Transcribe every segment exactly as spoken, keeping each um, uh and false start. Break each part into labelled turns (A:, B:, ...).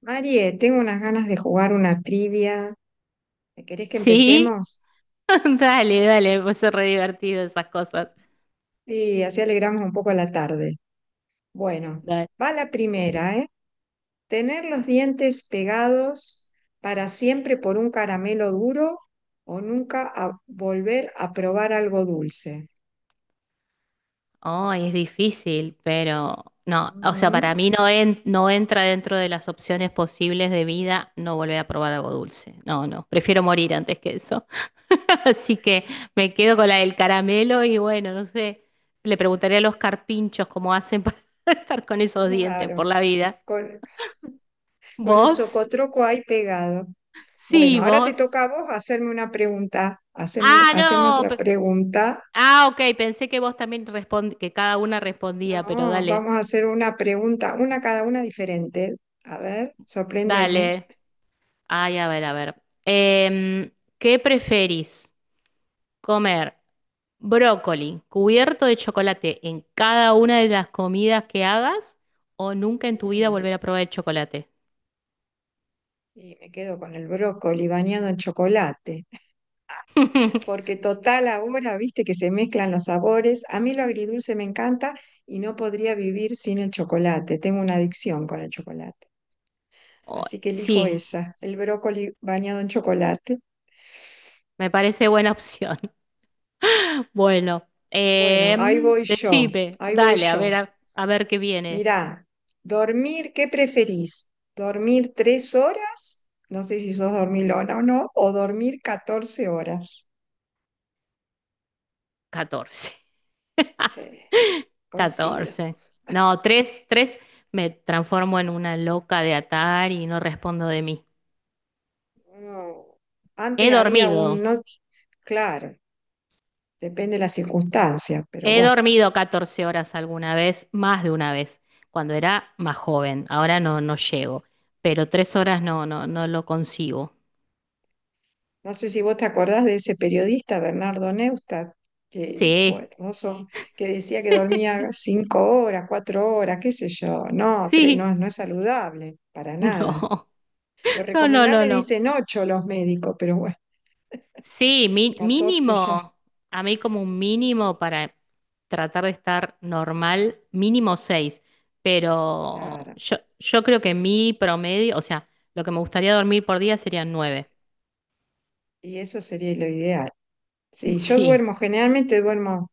A: Marie, tengo unas ganas de jugar una trivia. ¿Querés que
B: Sí,
A: empecemos?
B: dale, dale, pues es re divertido esas cosas.
A: Y así alegramos un poco la tarde. Bueno,
B: Dale.
A: va la primera, ¿eh? ¿Tener los dientes pegados para siempre por un caramelo duro o nunca a- volver a probar algo dulce?
B: Oh, es difícil, pero no, o sea, para
A: Ujú,
B: mí no, en- no entra dentro de las opciones posibles de vida no volver a probar algo dulce. No, no, prefiero morir antes que eso. Así que me quedo con la del caramelo y bueno, no sé, le preguntaré a los carpinchos cómo hacen para estar con esos dientes por
A: claro,
B: la vida.
A: con, con el
B: ¿Vos?
A: socotroco ahí pegado.
B: Sí,
A: Bueno, ahora te
B: vos.
A: toca a vos hacerme una pregunta. Haceme,
B: Ah,
A: haceme
B: no.
A: otra pregunta.
B: Ah, ok, pensé que vos también respondí, que cada una respondía, pero
A: No,
B: dale,
A: vamos a hacer una pregunta, una cada una diferente. A ver, sorpréndeme.
B: dale. Ay, a ver, a ver. Em, ¿qué preferís? ¿Comer brócoli cubierto de chocolate en cada una de las comidas que hagas o nunca en tu vida
A: Mm,
B: volver a probar el chocolate?
A: Y me quedo con el brócoli bañado en chocolate, porque total ahora, viste que se mezclan los sabores. A mí lo agridulce me encanta y no podría vivir sin el chocolate. Tengo una adicción con el chocolate.
B: Oh,
A: Así que elijo
B: sí,
A: esa, el brócoli bañado en chocolate.
B: me parece buena opción. Bueno,
A: Bueno, ahí
B: em,
A: voy yo,
B: decime,
A: ahí voy
B: dale, a
A: yo.
B: ver, a, a ver qué viene.
A: Mirá, dormir, ¿qué preferís? ¿Dormir tres horas? No sé si sos dormilona o no, o dormir catorce horas.
B: Catorce
A: Sí, coincido.
B: catorce. No, tres, tres. Me transformo en una loca de atar y no respondo de mí.
A: Uno-
B: He
A: Antes había
B: dormido.
A: un, no, claro, depende de las circunstancias, pero
B: He
A: bueno,
B: dormido catorce horas alguna vez, más de una vez, cuando era más joven. Ahora no, no llego. Pero tres horas no, no, no lo consigo.
A: no sé si vos te acordás de ese periodista, Bernardo Neustadt, que,
B: Sí,
A: bueno, vos sos- que decía que dormía cinco horas, cuatro horas, qué sé yo. No, tres,
B: sí.
A: no, no es saludable, para nada.
B: No,
A: Lo
B: no, no, no,
A: recomendable
B: no.
A: dicen ocho los médicos, pero bueno,
B: Sí, mi-
A: catorce ya.
B: mínimo, a mí como un mínimo para tratar de estar normal, mínimo seis, pero
A: Claro.
B: yo, yo creo que mi promedio, o sea, lo que me gustaría dormir por día serían nueve.
A: Y eso sería lo ideal. Sí, yo
B: Sí,
A: duermo, generalmente duermo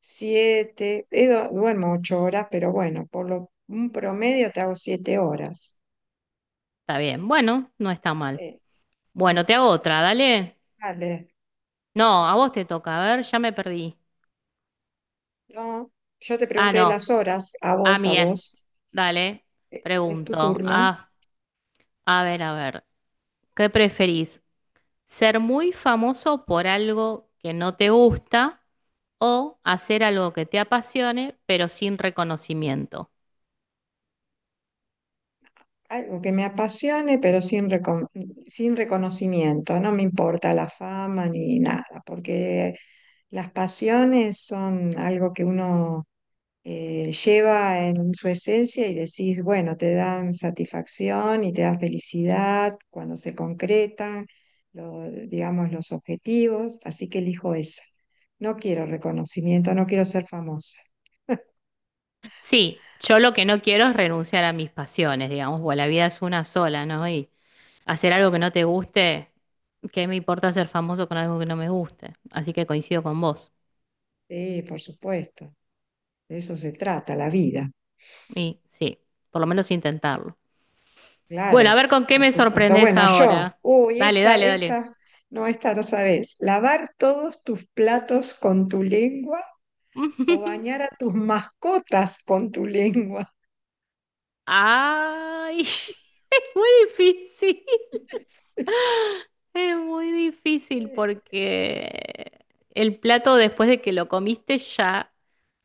A: siete, duermo ocho horas, pero bueno, por lo, un promedio te hago siete horas.
B: está bien. Bueno, no está mal.
A: Eh,
B: Bueno, te hago otra, dale.
A: dale.
B: No, a vos te toca, a ver, ya me perdí.
A: No, yo te
B: Ah,
A: pregunté
B: no,
A: las horas, a
B: a
A: vos, a
B: mí es.
A: vos.
B: Dale,
A: Eh, Es tu
B: pregunto.
A: turno.
B: Ah, a ver, a ver, ¿qué preferís? Ser muy famoso por algo que no te gusta o hacer algo que te apasione, pero sin reconocimiento.
A: Algo que me apasione, pero sin, recon- sin reconocimiento. No me importa la fama ni nada, porque las pasiones son algo que uno eh, lleva en su esencia y decís, bueno, te dan satisfacción y te dan felicidad cuando se concretan, lo- digamos, los objetivos. Así que elijo esa. No quiero reconocimiento, no quiero ser famosa.
B: Sí, yo lo que no quiero es renunciar a mis pasiones, digamos, porque la vida es una sola, ¿no? Y hacer algo que no te guste, ¿qué me importa ser famoso con algo que no me guste? Así que coincido con vos.
A: Sí, por supuesto. De eso se trata la vida.
B: Y sí, por lo menos intentarlo. Bueno, a
A: Claro,
B: ver con qué
A: por
B: me
A: supuesto.
B: sorprendés
A: Bueno, yo,
B: ahora.
A: uy,
B: Dale,
A: esta,
B: dale, dale.
A: esta, no, esta no sabes. Lavar todos tus platos con tu lengua o bañar a tus mascotas con tu lengua.
B: Ay, es muy difícil.
A: Sí.
B: Es muy difícil
A: Eh,
B: porque el plato después de que lo comiste ya,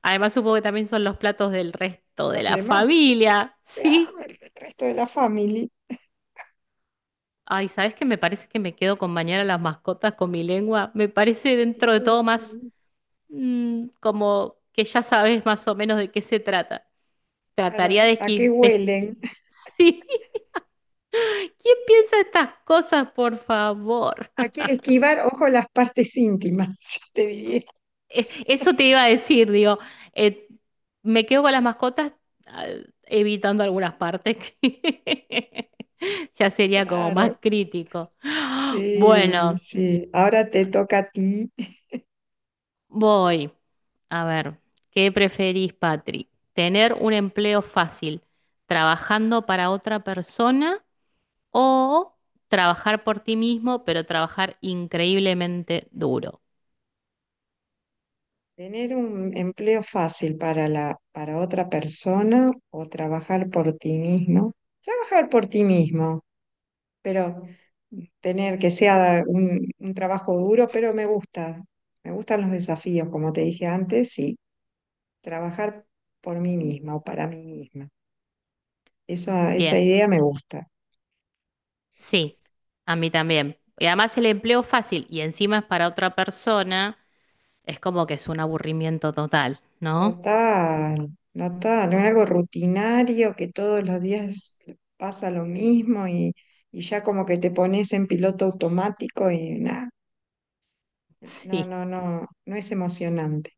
B: además supongo que también son los platos del resto de
A: los
B: la
A: demás,
B: familia,
A: claro,
B: ¿sí?
A: el el resto de la familia.
B: Ay, ¿sabes qué? Me parece que me quedo con bañar a las mascotas con mi lengua. Me parece dentro de todo más
A: Y,
B: mm, como que ya sabes más o menos de qué se trata. Trataría de
A: Claro, ¿a qué
B: esquivar.
A: huelen?
B: Sí, ¿quién piensa estas cosas, por favor?
A: ¿A qué esquivar, ojo, las partes íntimas, yo te diría.
B: Eh, Eso te iba a decir, digo, eh, me quedo con las mascotas, ah, evitando algunas partes que ya sería como más
A: Claro,
B: crítico.
A: sí,
B: Bueno,
A: sí. Ahora te toca a ti
B: voy. A ver, ¿qué preferís, Patri? ¿Tener un empleo fácil trabajando para otra persona o trabajar por ti mismo, pero trabajar increíblemente duro?
A: tener un empleo fácil para la, para otra persona o trabajar por ti mismo. Trabajar por ti mismo, pero tener que sea un, un trabajo duro, pero me gusta. Me gustan los desafíos, como te dije antes, y trabajar por mí misma o para mí misma. Esa, esa idea me gusta.
B: Sí, a mí también. Y además el empleo fácil y encima es para otra persona, es como que es un aburrimiento total, ¿no?
A: Total, total, es algo rutinario que todos los días pasa lo mismo y, y ya como que te pones en piloto automático y nada, no,
B: Sí,
A: no, no, no, es emocionante.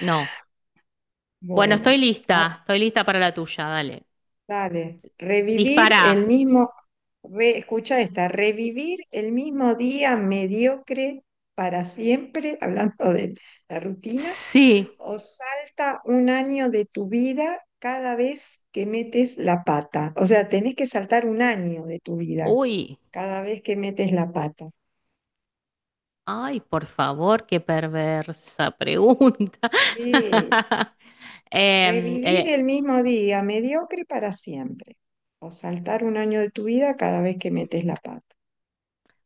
B: no. Bueno, estoy
A: Bueno, ah,
B: lista, estoy lista para la tuya, dale.
A: dale, revivir
B: Dispara.
A: el mismo, re- escucha esta, revivir el mismo día mediocre para siempre, hablando de la rutina,
B: Sí.
A: o salta un año de tu vida cada vez que metes la pata. O sea, tenés que saltar un año de tu vida
B: Uy,
A: cada vez que metes la pata.
B: ay, por favor, qué perversa pregunta.
A: Eh,
B: Em,
A: revivir
B: eh,
A: el mismo día, mediocre para siempre. O saltar un año de tu vida cada vez que metes la pata.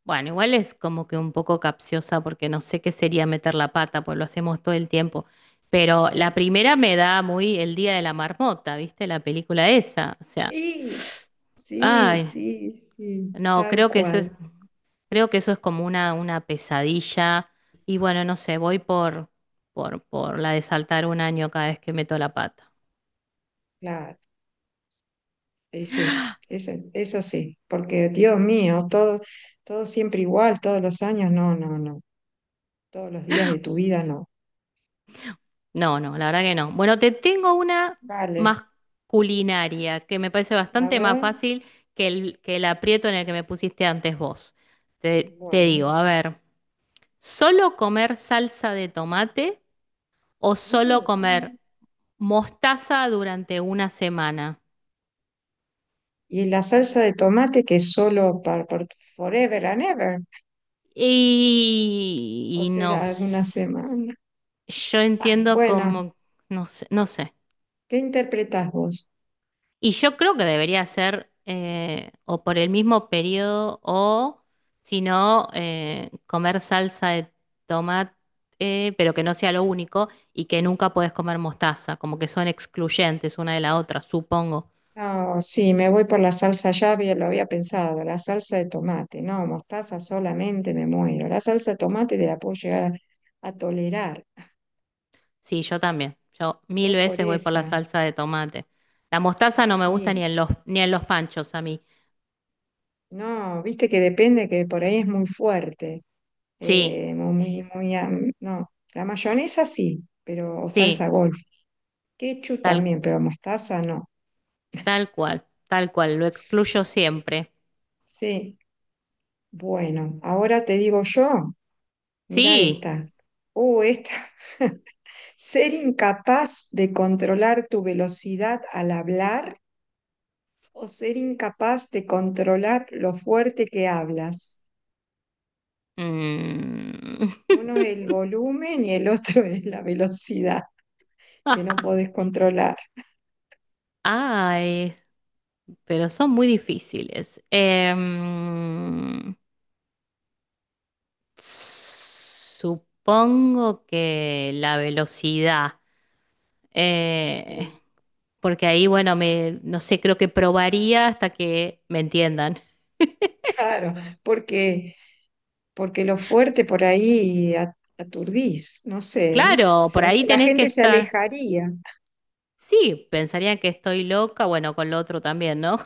B: Bueno, igual es como que un poco capciosa porque no sé qué sería meter la pata, pues lo hacemos todo el tiempo. Pero la
A: Sí,
B: primera me da muy el día de la marmota, ¿viste? La película esa. O sea,
A: sí, sí,
B: ay,
A: sí, sí,
B: no,
A: tal
B: creo que eso es,
A: cual.
B: creo que eso es como una, una pesadilla. Y bueno, no sé, voy por, por, por la de saltar un año cada vez que meto la pata.
A: Claro, eh, sí, eso, eso sí, porque Dios mío, todo, todo siempre igual, todos los años, no, no, no. Todos los días de tu vida, no.
B: No, no, la verdad que no. Bueno, te tengo una
A: Vale,
B: más culinaria, que me parece
A: a
B: bastante más
A: ver,
B: fácil que el, que el aprieto en el que me pusiste antes vos. Te, te
A: bueno.
B: digo, a ver, ¿solo comer salsa de tomate o solo comer
A: Mm.
B: mostaza durante una semana?
A: ¿Y la salsa de tomate que es solo para, forever and ever?
B: Y,
A: ¿O
B: y
A: será
B: no,
A: alguna
B: s-
A: semana?
B: yo
A: Ah,
B: entiendo
A: Bueno,
B: como, no sé, no sé.
A: ¿qué interpretás vos?
B: Y yo creo que debería ser eh, o por el mismo periodo o, si no, eh, comer salsa de tomate, eh, pero que no sea lo único y que nunca puedes comer mostaza, como que son excluyentes una de la otra, supongo.
A: No, sí, me voy por la salsa, ya había- lo había pensado, la salsa de tomate. No, mostaza solamente me muero. La salsa de tomate te la puedo llegar a, a tolerar.
B: Sí, yo también. Yo mil
A: Voy por
B: veces voy por la
A: esa,
B: salsa de tomate. La mostaza no me gusta ni
A: sí.
B: en los, ni en los panchos a mí.
A: No, viste que depende que por ahí es muy fuerte.
B: Sí,
A: eh, muy, muy, am- no, la mayonesa sí, pero, o salsa
B: sí,
A: golf. Ketchup
B: tal,
A: también, pero mostaza no.
B: tal cual, tal cual, lo excluyo siempre.
A: Sí, bueno, ahora te digo yo, mira
B: Sí.
A: esta. Oh, esta. Ser incapaz de controlar tu velocidad al hablar o ser incapaz de controlar lo fuerte que hablas.
B: Mm.
A: Uno es el volumen y el otro es la velocidad que no podés controlar.
B: Ay, pero son muy difíciles. Em, supongo que la velocidad, eh,
A: Sí.
B: porque ahí, bueno, me, no sé, creo que probaría hasta que me entiendan.
A: Claro, porque porque lo fuerte por ahí a- aturdís, no sé, ¿eh? O
B: Claro, por
A: sea,
B: ahí
A: la
B: tenés que
A: gente se
B: estar.
A: alejaría.
B: Sí, pensarían que estoy loca, bueno, con lo otro también, ¿no?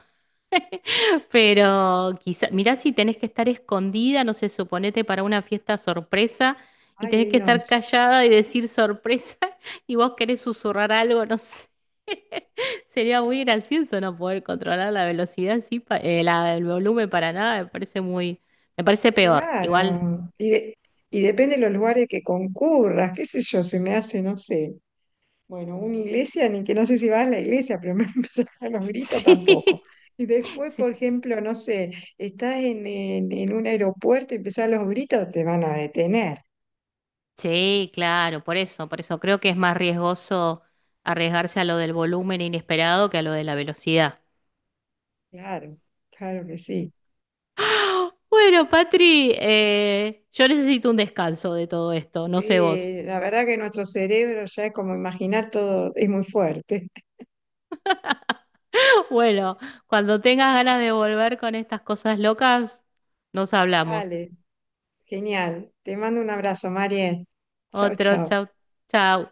B: Pero quizá, mirá si tenés que estar escondida, no sé, suponete para una fiesta sorpresa y tenés
A: Ay,
B: que estar
A: Dios,
B: callada y decir sorpresa y vos querés susurrar algo, no sé. Sería muy gracioso no poder controlar la velocidad, sí, pa- eh, la- el volumen para nada, me parece muy, me parece peor, igual.
A: claro. Y, de- y depende de los lugares que concurras, qué sé yo, se me hace, no sé. Bueno, una iglesia, ni que no sé si vas a la iglesia, pero me empezar a los gritos
B: Sí,
A: tampoco. Y después,
B: sí.
A: por ejemplo, no sé, estás en, en, en un aeropuerto y empezás los gritos, te van a detener.
B: Sí, claro, por eso, por eso creo que es más riesgoso arriesgarse a lo del volumen inesperado que a lo de la velocidad.
A: Claro, claro que sí.
B: Bueno, Patri, eh, yo necesito un descanso de todo esto, no sé vos.
A: Sí, la verdad que nuestro cerebro ya es como imaginar todo, es muy fuerte.
B: Bueno, cuando tengas ganas de volver con estas cosas locas, nos hablamos.
A: Vale, genial. Te mando un abrazo, María. Chao,
B: Otro,
A: chao.
B: chau, chau.